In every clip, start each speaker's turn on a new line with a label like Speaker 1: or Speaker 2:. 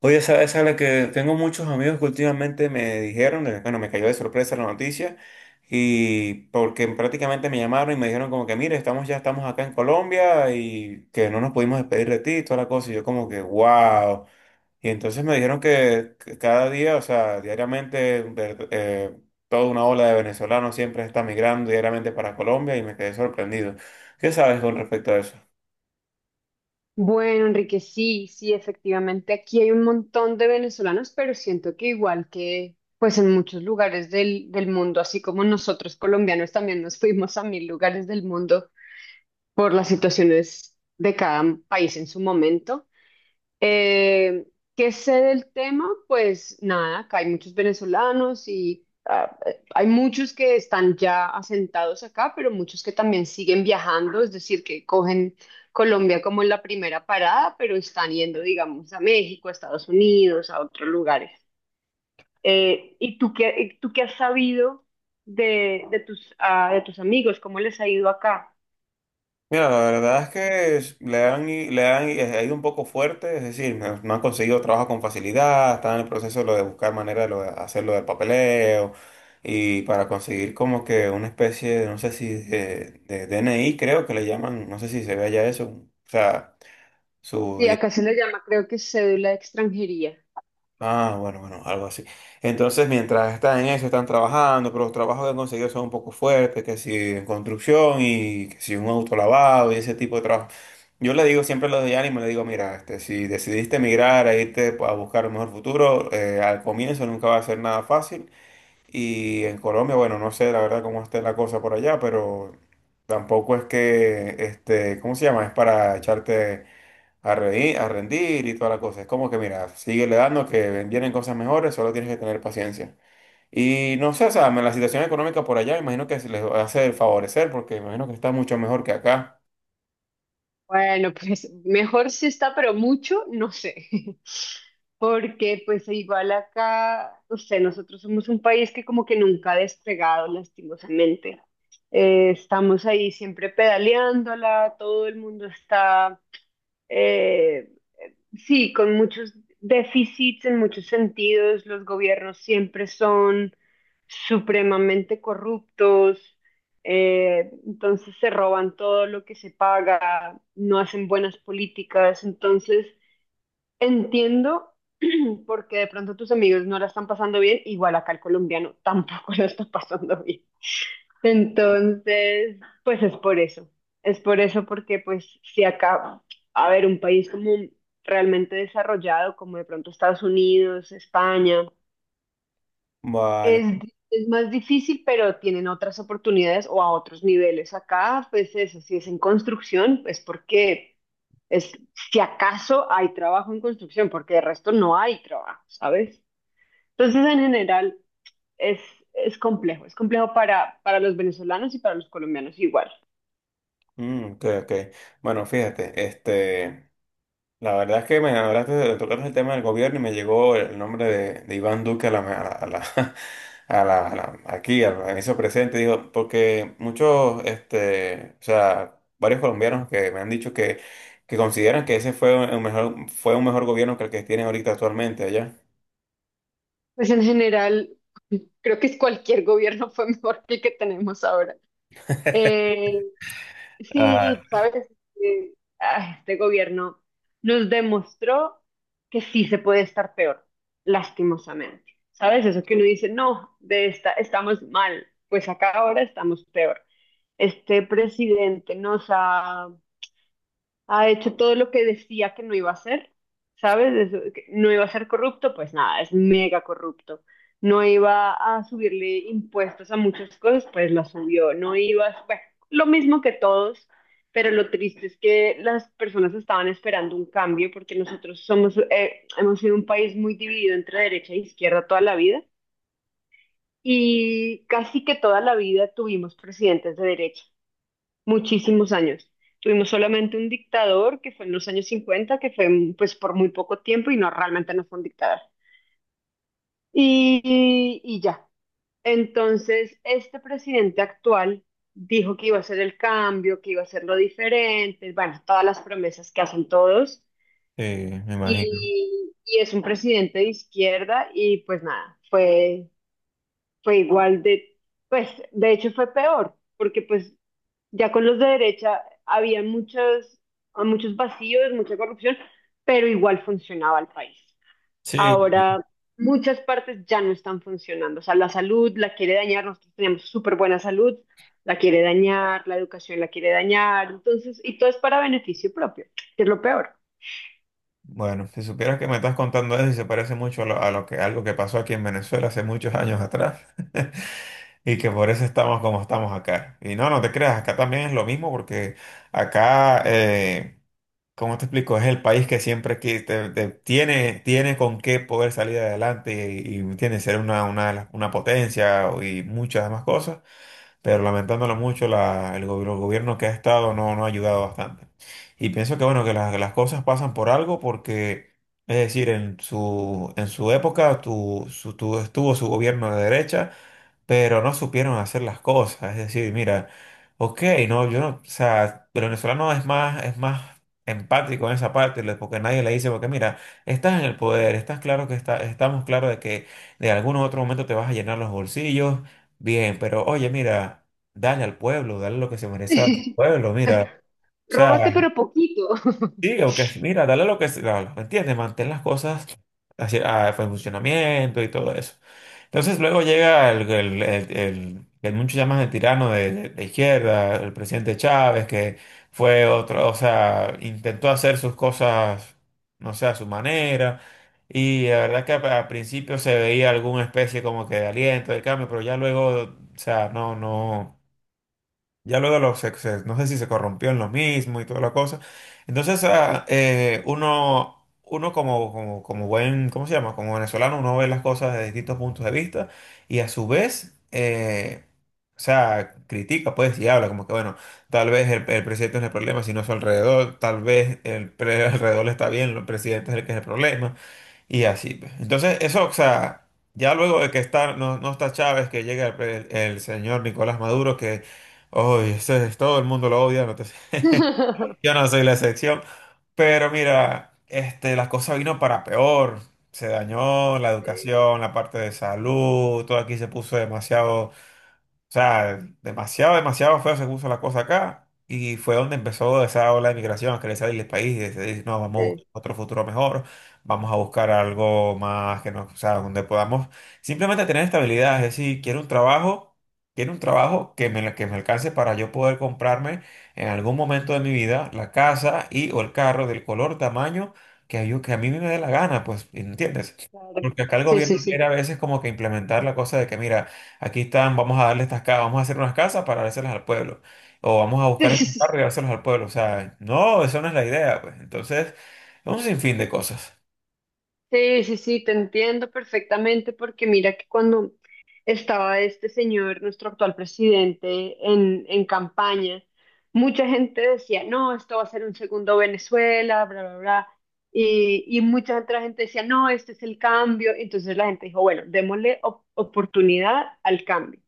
Speaker 1: Oye, sabes a la que tengo muchos amigos que últimamente me dijeron, bueno, me cayó de sorpresa la noticia, y porque prácticamente me llamaron y me dijeron como que, mire, estamos ya estamos acá en Colombia y que no nos pudimos despedir de ti y toda la cosa, y yo como que, wow. Y entonces me dijeron que cada día, o sea, diariamente, toda una ola de venezolanos siempre está migrando diariamente para Colombia y me quedé sorprendido. ¿Qué sabes con respecto a eso?
Speaker 2: Bueno, Enrique, sí, sí, efectivamente, aquí hay un montón de venezolanos, pero siento que igual que pues en muchos lugares del mundo, así como nosotros colombianos también nos fuimos a mil lugares del mundo por las situaciones de cada país en su momento. Eh, ¿Qué sé del tema? Pues nada, acá hay muchos venezolanos y hay muchos que están ya asentados acá, pero muchos que también siguen viajando, es decir, que cogen Colombia como la primera parada, pero están yendo, digamos, a México, a Estados Unidos, a otros lugares. ¿Y tú qué has sabido de tus, de tus amigos? ¿Cómo les ha ido acá?
Speaker 1: Mira, la verdad es que ha ido un poco fuerte, es decir, no, no han conseguido trabajo con facilidad, están en el proceso de, lo de buscar manera de, lo de hacer lo del papeleo y para conseguir como que una especie de, no sé si de DNI creo que le llaman, no sé si se ve allá eso, o sea, su.
Speaker 2: Sí, acá se le llama, creo que cédula de extranjería.
Speaker 1: Ah, bueno, bueno, algo así. Entonces, mientras están en eso, están trabajando, pero los trabajos que han conseguido son un poco fuertes, que si en construcción y que si un auto lavado y ese tipo de trabajo. Yo le digo siempre a los de ánimo, le digo, mira, este, si decidiste emigrar a irte a buscar un mejor futuro, al comienzo nunca va a ser nada fácil. Y en Colombia, bueno, no sé la verdad cómo esté la cosa por allá, pero tampoco es que, este, ¿cómo se llama? Es para echarte a, a rendir y toda la cosa. Es como que, mira, sigue le dando que vienen cosas mejores, solo tienes que tener paciencia. Y no sé, o sea, la situación económica por allá, imagino que se les hace el favorecer, porque imagino que está mucho mejor que acá.
Speaker 2: Bueno, pues mejor si está, pero mucho, no sé. Porque pues igual acá, no sé, nosotros somos un país que como que nunca ha despegado lastimosamente. Estamos ahí siempre pedaleándola, todo el mundo está, eh, sí, con muchos déficits en muchos sentidos, los gobiernos siempre son supremamente corruptos, entonces se roban todo lo que se paga, no hacen buenas políticas, entonces entiendo porque de pronto tus amigos no la están pasando bien, igual acá el colombiano tampoco la está pasando bien. Entonces, pues es por eso. Es por eso porque pues si acá, a ver, un país como realmente desarrollado, como de pronto Estados Unidos, España,
Speaker 1: Vale.
Speaker 2: es, es más difícil, pero tienen otras oportunidades o a otros niveles. Acá, pues eso, si es en construcción, es porque es, si acaso hay trabajo en construcción, porque de resto no hay trabajo, ¿sabes? Entonces, en general, es, es complejo para los venezolanos y para los colombianos igual.
Speaker 1: Mm, ok, ok. Bueno, fíjate, este. La verdad es que me hablaste de el tema del gobierno y me llegó el nombre de Iván Duque a la, aquí, al inicio presente, digo, porque muchos, este, o sea, varios colombianos que me han dicho que consideran que ese fue un mejor gobierno que el que tienen ahorita actualmente allá.
Speaker 2: Pues en general, creo que es cualquier gobierno fue mejor que el que tenemos ahora. Eh,
Speaker 1: Ah,
Speaker 2: sí, sabes, Eh, este gobierno nos demostró que sí se puede estar peor, lastimosamente. ¿Sabes? Eso que uno dice, no, de esta estamos mal, pues acá ahora estamos peor. Este presidente nos ha hecho todo lo que decía que no iba a hacer, ¿sabes? Eso- que no iba a ser corrupto, pues nada, es mega corrupto. No iba a subirle impuestos a muchas cosas, pues la subió. No iba, bueno, lo mismo que todos, pero lo triste es que las personas estaban esperando un cambio porque nosotros somos, hemos sido un país muy dividido entre derecha e izquierda toda la vida. Y casi que toda la vida tuvimos presidentes de derecha muchísimos años. Tuvimos solamente un dictador que fue en los años 50, que fue pues por muy poco tiempo y no realmente no fue un dictador. Y ya. Entonces, este presidente actual dijo que iba a hacer el cambio, que iba a hacer lo diferente, bueno, todas las promesas que hacen todos.
Speaker 1: sí, me imagino.
Speaker 2: Y es un presidente de izquierda y pues nada, fue igual de, pues de hecho fue peor, porque pues ya con los de derecha había muchos, muchos vacíos, mucha corrupción, pero igual funcionaba el país.
Speaker 1: Sí, sí.
Speaker 2: Ahora muchas partes ya no están funcionando. O sea, la salud la quiere dañar, nosotros teníamos súper buena salud, la quiere dañar, la educación la quiere dañar, entonces, y todo es para beneficio propio, que es lo peor.
Speaker 1: Bueno, si supieras que me estás contando eso y se parece mucho a lo que algo que pasó aquí en Venezuela hace muchos años atrás. Y que por eso estamos como estamos acá. Y no, no te creas, acá también es lo mismo porque acá, ¿cómo te explico? Es el país que siempre tiene, tiene con qué poder salir adelante y tiene que ser una potencia y muchas demás cosas, pero lamentándolo mucho, el gobierno que ha estado no, no ha ayudado bastante. Y pienso que bueno, que las cosas pasan por algo porque. Es decir, en su época estuvo su gobierno de derecha, pero no supieron hacer las cosas. Es decir, mira, ok, no, yo no, o sea, el venezolano es más empático en esa parte, le- porque nadie le dice, porque mira, estás en el poder, estás claro que está, estamos claros de que de algún otro momento te vas a llenar los bolsillos, bien, pero oye, mira, dale al pueblo, dale lo que se merece al pueblo, mira. O
Speaker 2: Róbate,
Speaker 1: sea,
Speaker 2: pero poquito.
Speaker 1: sí, ok, mira, dale lo que se da, ¿me entiendes? Mantén las cosas así, a funcionamiento y todo eso. Entonces luego llega el que muchos llaman el tirano de izquierda, el presidente Chávez, que fue otro, o sea, intentó hacer sus cosas, no sé, a su manera. Y la verdad que al principio se veía alguna especie como que de aliento, de cambio, pero ya luego, o sea, no, no. Ya luego los excesos, no sé si se corrompió en lo mismo y toda la cosa. Entonces, uno, uno como, como, como buen, ¿cómo se llama? Como venezolano, uno ve las cosas de distintos puntos de vista y a su vez, o sea, critica, pues, y habla como que, bueno, tal vez el presidente no es el problema, sino su alrededor, tal vez alrededor está bien, el presidente es el que es el problema, y así pues. Entonces, eso, o sea, ya luego de que está, no, no está Chávez, que llega el señor Nicolás Maduro, que. Uy, todo el mundo lo odia, yo no soy la excepción. Pero mira, este, las cosas vino para peor. Se dañó la
Speaker 2: Sí,
Speaker 1: educación, la parte de salud, todo aquí se puso demasiado. O sea, demasiado, demasiado feo se puso la cosa acá y fue donde empezó esa ola de migración, a querer salir del país y decidir, no, vamos a
Speaker 2: sí.
Speaker 1: buscar otro futuro mejor, vamos a buscar algo más que nos, o sea, donde podamos simplemente tener estabilidad, es decir, quiero un trabajo que me alcance para yo poder comprarme en algún momento de mi vida la casa y o el carro del color, tamaño que, yo, que a mí me dé la gana, pues, ¿entiendes?
Speaker 2: Claro.
Speaker 1: Porque acá el
Speaker 2: Sí, sí,
Speaker 1: gobierno quiere
Speaker 2: sí.
Speaker 1: a veces como que implementar la cosa de que, mira, aquí están, vamos a darle estas casas, vamos a hacer unas casas para dárselas al pueblo. O vamos a
Speaker 2: Sí,
Speaker 1: buscar
Speaker 2: sí,
Speaker 1: estos carros
Speaker 2: sí.
Speaker 1: y dárselos al pueblo. O sea, no, eso no es la idea, pues. Entonces, un sinfín de cosas.
Speaker 2: Sí, sí, sí, te entiendo perfectamente porque mira que cuando estaba este señor, nuestro actual presidente, en campaña, mucha gente decía, no, esto va a ser un segundo Venezuela, bla, bla, bla. Y mucha otra gente decía, no, este es el cambio. Entonces la gente dijo, bueno, démosle op- oportunidad al cambio,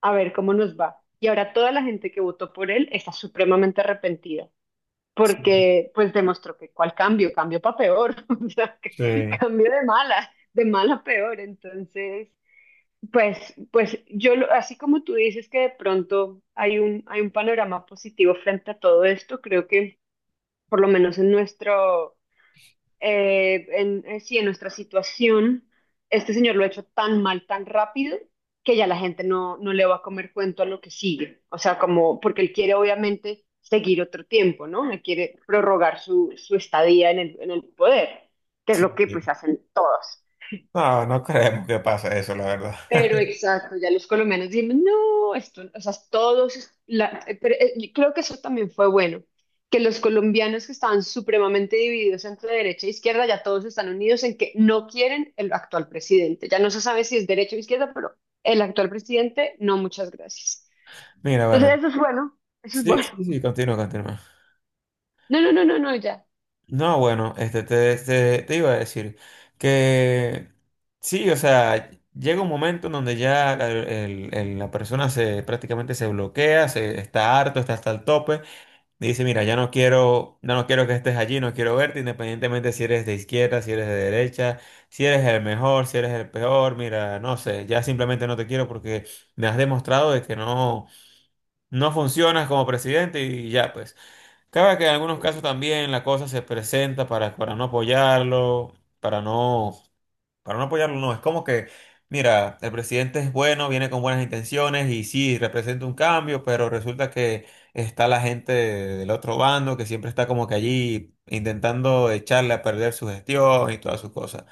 Speaker 2: a ver cómo nos va. Y ahora toda la gente que votó por él está supremamente arrepentida porque pues demostró que cuál cambio, cambio para peor, o sea, que
Speaker 1: Sí.
Speaker 2: cambio de mala a peor, entonces, pues, pues yo, lo- así como tú dices que de pronto hay hay un panorama positivo frente a todo esto, creo que por lo menos en nuestro, sí, en nuestra situación, este señor lo ha hecho tan mal, tan rápido, que ya la gente no, no le va a comer cuento a lo que sigue. O sea, como, porque él quiere obviamente seguir otro tiempo, ¿no? Él quiere prorrogar su estadía en el poder, que es lo que pues hacen todos.
Speaker 1: No, no creemos que pase eso, la verdad.
Speaker 2: Pero exacto, ya los colombianos dicen, no, esto, o sea, todos, es- la, pero, y creo que eso también fue bueno, que los colombianos que estaban supremamente divididos entre derecha e izquierda, ya todos están unidos en que no quieren el actual presidente. Ya no se sabe si es derecha o izquierda, pero el actual presidente, no, muchas gracias.
Speaker 1: Mira, bueno.
Speaker 2: Entonces, eso es bueno, eso es
Speaker 1: Sí,
Speaker 2: bueno.
Speaker 1: sí, sí, continúa, continúa.
Speaker 2: No, no, no, no, no, ya.
Speaker 1: No, bueno, este, te iba a decir que sí, o sea, llega un momento en donde ya la, la persona se prácticamente se bloquea, se está harto, está hasta el tope. Dice, mira, ya no quiero que estés allí, no quiero verte, independientemente si eres de izquierda, si eres de derecha, si eres el mejor, si eres el peor, mira, no sé, ya simplemente no te quiero porque me has demostrado de que no, no funcionas como presidente y ya pues. Cabe que en algunos casos también la cosa se presenta para no apoyarlo, para no, para no apoyarlo, no, es como que, mira, el presidente es bueno, viene con buenas intenciones y sí, representa un cambio, pero resulta que está la gente del otro bando que siempre está como que allí intentando echarle a perder su gestión y todas sus cosas.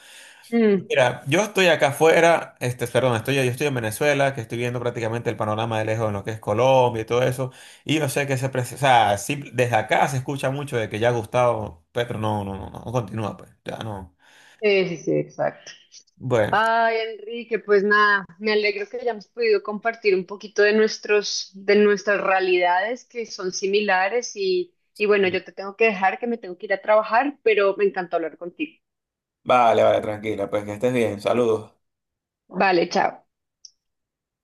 Speaker 2: Mm,
Speaker 1: Mira, yo estoy acá afuera, este, perdón, estoy, yo estoy en Venezuela, que estoy viendo prácticamente el panorama de lejos en lo que es Colombia y todo eso, y yo sé que se, desde acá se escucha mucho de que ya Gustavo Petro no, no, no, no continúa, pues, ya no.
Speaker 2: sí, sí, sí, exacto.
Speaker 1: Bueno.
Speaker 2: Ay, Enrique, pues nada, me alegro que hayamos podido compartir un poquito de nuestros, de nuestras realidades que son similares y bueno, yo te tengo que dejar que me tengo que ir a trabajar, pero me encantó hablar contigo.
Speaker 1: Vale, vale, tranquila, pues que estés bien. Saludos.
Speaker 2: Vale, chao.